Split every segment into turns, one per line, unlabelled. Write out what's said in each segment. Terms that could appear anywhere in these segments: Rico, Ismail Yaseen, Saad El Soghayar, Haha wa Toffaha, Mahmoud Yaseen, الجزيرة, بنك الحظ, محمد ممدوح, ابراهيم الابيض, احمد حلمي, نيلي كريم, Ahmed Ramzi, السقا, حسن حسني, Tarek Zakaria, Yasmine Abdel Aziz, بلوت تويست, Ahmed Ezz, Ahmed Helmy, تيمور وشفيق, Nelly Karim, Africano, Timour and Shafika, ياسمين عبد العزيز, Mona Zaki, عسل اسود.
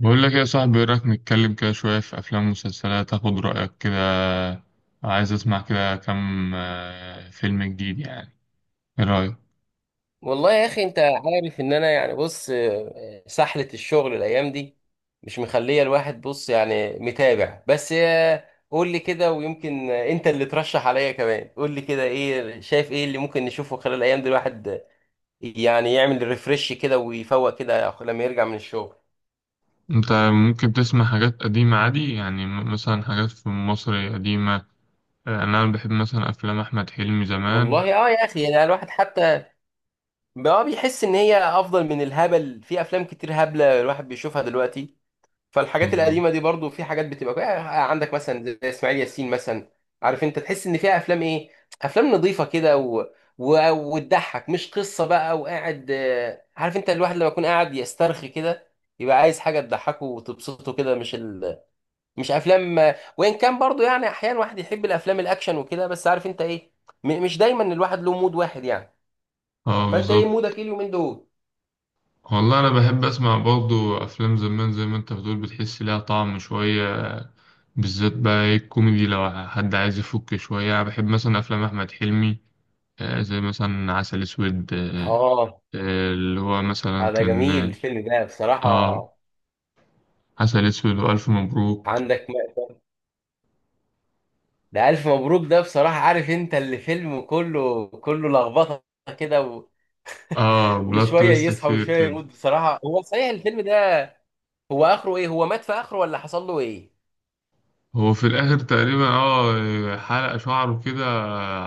بقول لك يا صاحبي، ايه رايك نتكلم كده شويه في افلام ومسلسلات، اخد رايك كده. عايز اسمع كده كام فيلم جديد يعني. ايه رايك؟
والله يا اخي انت عارف ان انا يعني بص، سحلة الشغل الايام دي مش مخلية الواحد بص، يعني متابع بس. قول لي كده، ويمكن انت اللي ترشح عليا كمان. قول لي كده ايه، شايف ايه اللي ممكن نشوفه خلال الايام دي؟ الواحد يعني يعمل ريفرش كده ويفوق كده لما يرجع من الشغل.
انت ممكن تسمع حاجات قديمه عادي، يعني مثلا حاجات في مصر قديمه. انا بحب مثلا افلام احمد حلمي زمان.
والله يا اخي، يعني الواحد حتى بقى بيحس ان هي افضل من الهبل في افلام كتير هبلة الواحد بيشوفها دلوقتي. فالحاجات
بالظبط.
القديمه دي برضو في حاجات بتبقى عندك مثلا زي اسماعيل ياسين مثلا. عارف انت، تحس ان فيها افلام ايه، افلام نظيفه كده، وتضحك، مش قصه بقى وقاعد، عارف انت، الواحد لما يكون قاعد يسترخي كده يبقى عايز حاجه تضحكه وتبسطه كده، مش افلام وان كان برضو يعني احيانا واحد يحب الافلام الاكشن وكده، بس عارف انت ايه، مش دايما الواحد له مود واحد يعني.
اه
فانت ايه مودك
بالظبط.
ايه اليومين دول؟
والله انا بحب اسمع برضو افلام زمان، زي ما انت بتقول، بتحس ليها طعم شويه. بالذات بقى إيه الكوميدي، لو حد عايز يفك شويه انا بحب مثلا افلام احمد حلمي. زي مثلا عسل اسود.
اه.
اللي هو مثلا
ده
كان
جميل
اه.
الفيلم ده
آه،
بصراحه.
عسل اسود والف مبروك.
عندك، ده ألف مبروك ده بصراحة، عارف أنت، اللي فيلم كله كله لخبطة كده،
اه، بلوت
وشوية
تويست
يصحى
كتير
وشوية
كده.
يموت. بصراحة هو صحيح الفيلم ده، هو آخره إيه؟ هو مات في آخره ولا حصل له إيه؟
هو في الاخر تقريبا اه حلق شعره كده،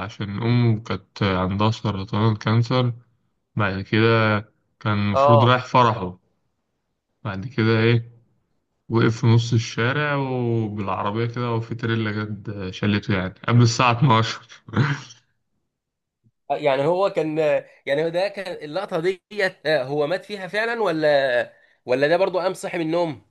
عشان امه كانت عندها سرطان كانسر. بعد كده كان المفروض
آه.
رايح فرحه. بعد كده ايه، وقف في نص الشارع وبالعربية كده، وفي تريلا جت شلته، يعني قبل الساعة 12.
يعني هو كان، يعني هو ده كان اللقطة ديت، هو مات فيها فعلا ولا ده برضو قام صحي من النوم؟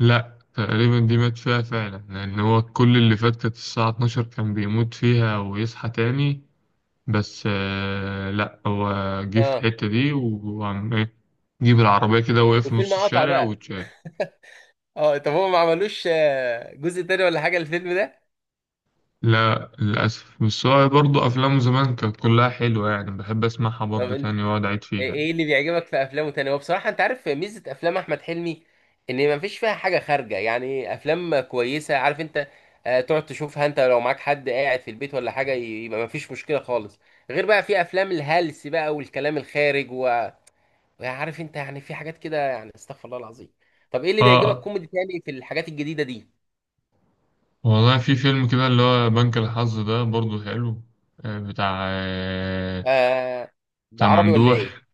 لا، تقريبا دي مات فيها فعلا، لأن هو كل اللي فات كانت الساعة 12 كان بيموت فيها ويصحى تاني. بس آه، لا هو جه في
آه.
الحتة دي وعم إيه، جيب العربية كده، وقف في نص
والفيلم قطع
الشارع
بقى.
واتشال.
طب هو ما عملوش جزء تاني ولا حاجة الفيلم ده؟
لا للأسف. بس هو برضه أفلامه زمان كانت كلها حلوة، يعني بحب أسمعها
طب
برضه تاني وأقعد أعيد فيها يعني.
إيه اللي بيعجبك في افلامه تاني؟ هو بصراحه انت عارف ميزه افلام احمد حلمي، ان ما فيش فيها حاجه خارجه، يعني افلام كويسه عارف انت، تقعد تشوفها انت، لو معاك حد قاعد في البيت ولا حاجه، يبقى ما فيش مشكله خالص، غير بقى في افلام الهلس بقى والكلام الخارج، وعارف انت يعني في حاجات كده، يعني استغفر الله العظيم. طب ايه اللي بيعجبك
آه،
كوميدي تاني في الحاجات الجديده دي؟
والله في فيلم كده اللي هو بنك الحظ، ده برضه حلو. بتاع
آه. ده
بتاع
عربي ولا ايه؟
ممدوح،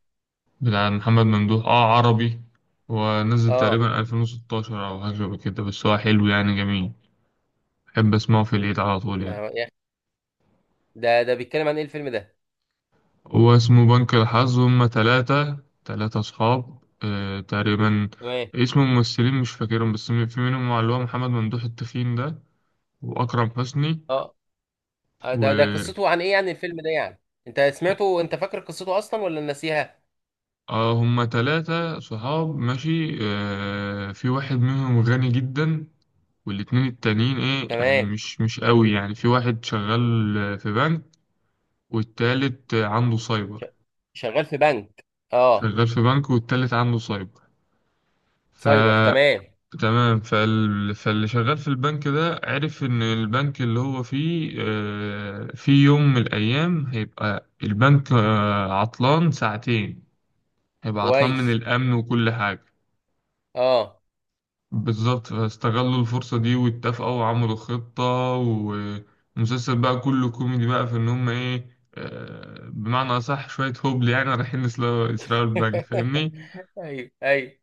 بتاع محمد ممدوح، اه عربي. ونزل
اه.
تقريبا 2016 او حاجة شبه كده، بس هو حلو يعني، جميل. بحب اسمعه في العيد على طول
ما
يعني.
يا أخي، ده بيتكلم عن ايه الفيلم ده؟
هو اسمه بنك الحظ، هما تلاتة، أصحاب. آه تقريبا.
تمام.
اسم الممثلين مش فاكرهم، بس في منهم اللي هو محمد ممدوح التخين ده، وأكرم حسني
اه. ده
و
قصته عن ايه يعني الفيلم ده يعني؟ انت سمعته، انت فاكر قصته اصلا ولا ناسيها؟
اه. هما تلاتة صحاب ماشي، في واحد منهم غني جدا، والاتنين التانيين ايه يعني،
تمام.
مش قوي يعني. في واحد شغال في بنك، والتالت عنده
ش-
سايبر.
شغال في بنك. اه.
شغال في بنك، والتالت عنده سايبر. ف
سايبر، تمام.
تمام. فاللي شغال في البنك ده عرف ان البنك اللي هو فيه، في يوم من الايام هيبقى البنك عطلان ساعتين، هيبقى عطلان من
كويس.
الامن وكل حاجة.
اه.
بالظبط. فاستغلوا الفرصة دي واتفقوا وعملوا خطة، ومسلسل بقى كله كوميدي بقى، في إن هم إيه، بمعنى أصح شوية هبل، يعني رايحين يسرقوا البنك، فاهمني؟
ايوه ايوه.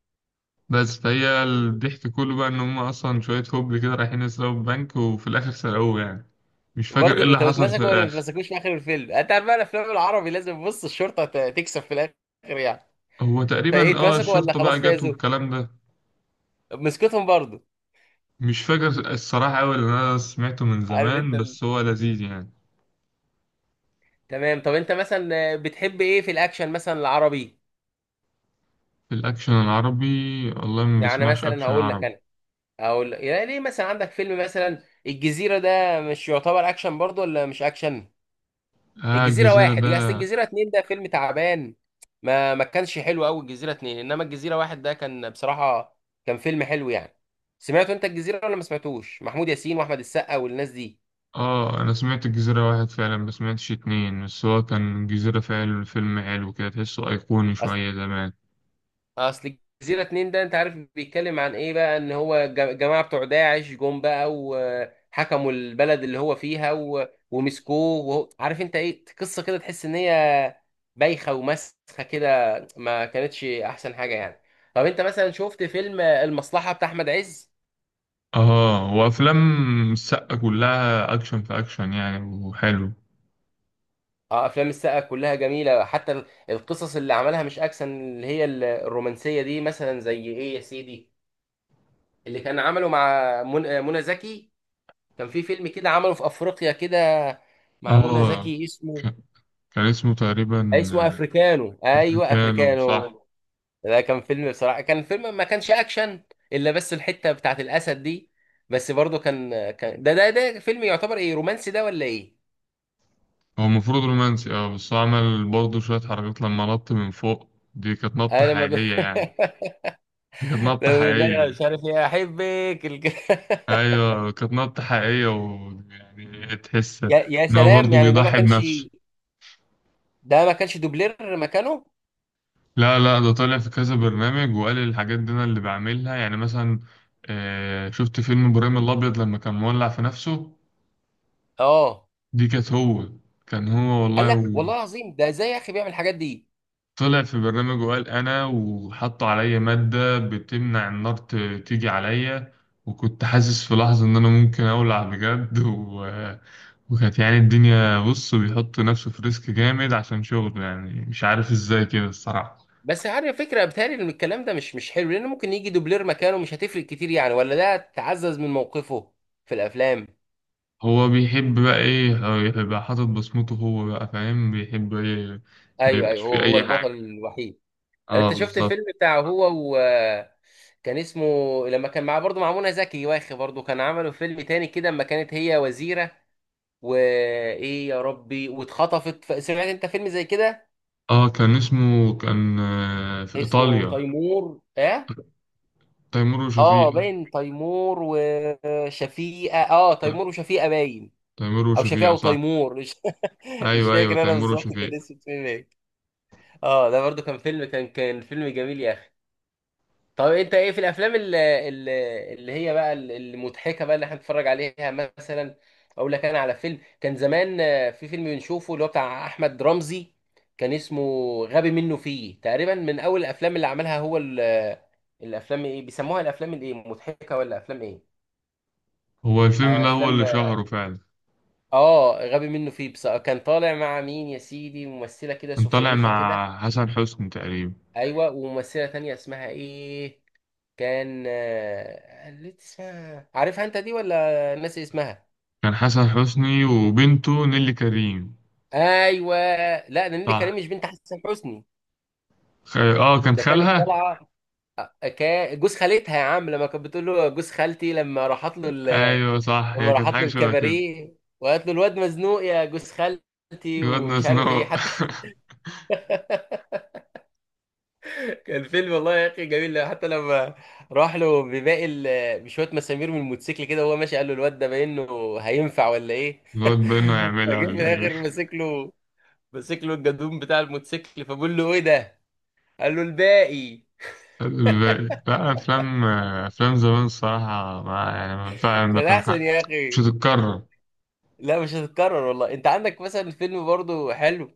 بس فهي الضحك كله بقى إن هم أصلا شوية هبل كده رايحين يسرقوا البنك، وفي الآخر سرقوه يعني. مش فاكر إيه
برضه
اللي
انت
حصل في
بتمسكوا ولا ما
الآخر.
بتمسكوش في اخر الفيلم؟ انت عارف بقى، الافلام العربي لازم بص الشرطه تكسب في الاخر يعني.
هو
فايه
تقريبا آه
اتمسكوا ولا
الشرطة بقى
خلاص
جت
فازوا،
والكلام ده.
مسكتهم برضه؟
مش فاكر الصراحة أوي، اللي أنا سمعته من
عارف انت
زمان، بس هو لذيذ يعني.
تمام. طب انت مثلا بتحب ايه في الاكشن مثلا العربي؟
في الأكشن العربي، والله ما
يعني
بسمعش
مثلا
أكشن
هقول
عربي.
لك، يعني ليه، مثلا عندك فيلم مثلا الجزيرة ده، مش يعتبر اكشن برضه ولا مش اكشن؟
اه
الجزيرة
الجزيرة
واحد
ده،
يا اصل، الجزيرة اتنين ده فيلم تعبان، ما ما كانش حلو قوي الجزيرة اتنين، انما الجزيرة واحد ده كان بصراحة كان فيلم حلو يعني. سمعته انت الجزيرة ولا ما سمعتوش؟ محمود ياسين واحمد السقا والناس دي.
اه انا سمعت الجزيرة واحد فعلا، ما سمعتش اتنين، بس هو كان الجزيرة فعلا فيلم حلو كده، تحسه ايقوني شوية زمان.
اصل الجزيره اتنين ده، انت عارف بيتكلم عن ايه بقى، ان هو جماعه بتوع داعش جم بقى وحكموا البلد اللي هو فيها ومسكوه، عارف انت ايه، قصه كده تحس ان هي بايخه ومسخه كده، ما كانتش احسن حاجه يعني. طب انت مثلا شفت فيلم المصلحه بتاع احمد عز؟
اه، وافلام السقا كلها اكشن في اكشن يعني، وحلو.
اه، افلام السقا كلها جميله، حتى القصص اللي عملها مش اكشن، اللي هي الرومانسيه دي، مثلا زي ايه يا سيدي اللي كان عمله مع منى زكي. كان في فيلم كده عمله في افريقيا كده مع منى
اه
زكي،
ك- كان اسمه تقريبا،
اسمه افريكانو، ايوه
كانوا
افريكانو.
صح.
ده كان فيلم بصراحه، كان فيلم ما كانش اكشن الا بس الحته بتاعت الاسد دي، بس برضه كان ده فيلم يعتبر ايه، رومانسي ده ولا ايه؟
هو المفروض رومانسي اه، بس هو عمل برضه شوية حركات لما نط من فوق. دي كانت نطة
انا ما ب...
حقيقية يعني. دي كانت
لما
نطة
بقول لها
حقيقية.
مش عارف ايه، احبك
ايوه كانت نبتة حقيقية، ويعني تحس
يا
ان هو
سلام
برضه
يعني،
بيضحي بنفسه.
ده ما كانش دوبلير مكانه؟
لا لا، ده طالع في كذا برنامج وقال الحاجات دي انا اللي بعملها يعني. مثلا، آه، شفت فيلم ابراهيم الابيض لما كان مولع في نفسه؟
اه.
دي كانت هو، كان هو والله
قال لا
و-
والله العظيم، ده ازاي يا اخي بيعمل الحاجات دي؟
طلع في برنامج وقال انا، وحطوا عليا مادة بتمنع النار تيجي عليا، وكنت حاسس في لحظة ان انا ممكن اولع بجد. وكانت يعني الدنيا بص بيحط نفسه في ريسك جامد عشان شغله، يعني مش عارف ازاي كده الصراحة.
بس عارف فكرة، بتهيألي ان الكلام ده مش حلو، لان ممكن يجي دوبلير مكانه، مش هتفرق كتير يعني، ولا ده تعزز من موقفه في الافلام؟
هو بيحب بقى ايه هو، يبقى حاطط بصمته هو بقى فاهم بيحب ايه. ما
ايوه
يبقاش
ايوه، هو
فيه
هو
اي
البطل
حاجة.
الوحيد.
اه
انت شفت
بالظبط.
الفيلم بتاعه هو و، كان اسمه، لما كان معاه برضه مع منى زكي، واخي برضه كان عملوا فيلم تاني كده لما كانت هي وزيرة وايه يا ربي واتخطفت، سمعت انت فيلم زي كده؟
اه كان اسمه كان في
اسمه
ايطاليا،
تيمور، اه.
تيمور
اه
وشفيق.
باين تيمور وشفيقة، اه
لا،
تيمور وشفيقة باين،
تيمور
او
وشفيق
شفيقة
صح.
وتيمور. مش
ايوه ايوه،
فاكر انا
تيمور
بالظبط كان
وشفيق.
اسم الفيلم ايه. اه، ده برضو كان فيلم، كان فيلم جميل يا اخي. طب انت ايه في الافلام اللي هي بقى المضحكه بقى اللي احنا بنتفرج عليها مثلا؟ اقول لك انا على فيلم كان زمان، في فيلم بنشوفه اللي هو بتاع احمد رمزي، كان اسمه غبي منه فيه، تقريبا من اول الافلام اللي عملها هو، الافلام ايه بيسموها، الافلام الايه، مضحكه ولا افلام ايه؟
هو الفيلم ده هو اللي
افلام.
شهره فعلا.
اه غبي منه فيه، بس كان طالع مع مين يا سيدي، ممثله كده
كان طالع
سفيفه كده.
مع حسن حسني تقريبا.
ايوه وممثله تانية اسمها ايه؟ كان اللي اسمها عارفها انت دي، ولا ناسي اسمها؟
كان حسن حسني وبنته نيلي كريم.
ايوه. لا ده نيللي كريم
صح.
مش بنت حسن حسني،
اه كان
ده كانت
خالها.
طالعه جوز خالتها يا عم، لما كانت بتقول له جوز خالتي،
ايوه صح،
لما
هي كانت
راحت
حاجه
له
شبه كده.
الكباريه، وقالت له الواد مزنوق يا جوز خالتي
الواد
ومش عارف ايه
نسنو.
حتى. الفيلم والله يا اخي جميل، حتى لما راح له بباقي بشويه مسامير من الموتوسيكل كده وهو ماشي، قال له الواد ده باين له هينفع ولا ايه،
الواد بينه يعملها
فجه في
ولا ايه؟
الاخر ماسك له الجدوم بتاع الموتوسيكل، فبقول له ايه ده، قال له الباقي.
الباقي. لا، افلام افلام زمان الصراحه ما يعني ما
كان
تنفع.
احسن يا
مش
اخي.
هتتكرر.
لا مش هتتكرر، والله انت عندك مثلا فيلم برضه حلو،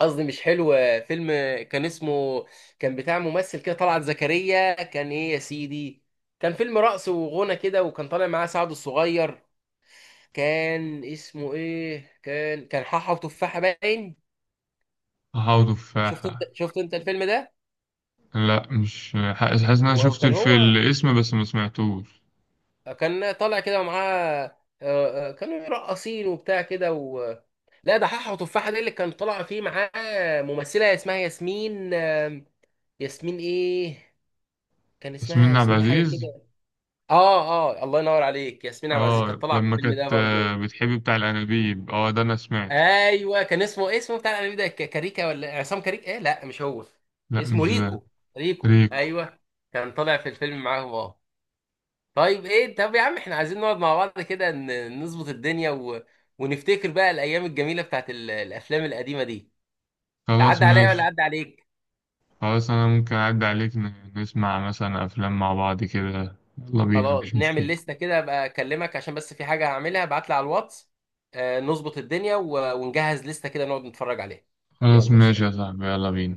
قصدي مش حلو، فيلم كان اسمه، كان بتاع ممثل كده، طلعت زكريا، كان ايه يا سيدي، كان فيلم رقص وغنى كده، وكان طالع معاه سعد الصغير، كان اسمه ايه، كان حاحة وتفاحة باين.
هحاول تفاحه.
شفت انت الفيلم ده؟
لا، مش حاسس، حاسس ان انا شفت
وكان هو
الاسم، بس ما سمعتوش.
كان طالع كده ومعاه، كانوا راقصين وبتاع كده لا ده حاحة وتفاحة دي اللي كان طالع فيه معاه ممثلة اسمها ياسمين، ياسمين ايه، كان اسمها
ياسمين عبد
ياسمين حاجة
العزيز.
كده. اه اه، الله ينور عليك، ياسمين عبد العزيز كانت
اه
طالعة في
لما
الفيلم ده
كانت
برضو.
بتحب بتاع الانابيب، اه ده انا سمعته.
ايوه كان اسمه إيه، اسمه بتاع الانمي ده، كاريكا ولا عصام كاريكا ايه، لا مش هو،
لا
اسمه
مش ده.
ريكو، ريكو
ريكو.
ايوه، كان طالع في الفيلم معاهم اه. طيب ايه، طب يا عم احنا عايزين نقعد مع بعض كده نظبط الدنيا، ونفتكر بقى الايام الجميله بتاعت الافلام القديمه دي.
خلاص
تعدي عليا ولا
ماشي.
عدى عليك؟
خلاص أنا ممكن أعدي عليك، نسمع مثلا أفلام مع بعض كده، يلا بينا،
خلاص،
مفيش
نعمل
مشكلة.
لستة كده، ابقى اكلمك، عشان بس في حاجه هعملها ابعت لي على الواتس، نظبط الدنيا، ونجهز لستة كده نقعد نتفرج عليها.
خلاص
يلا
ماشي يا
سلام.
صاحبي، يلا بينا.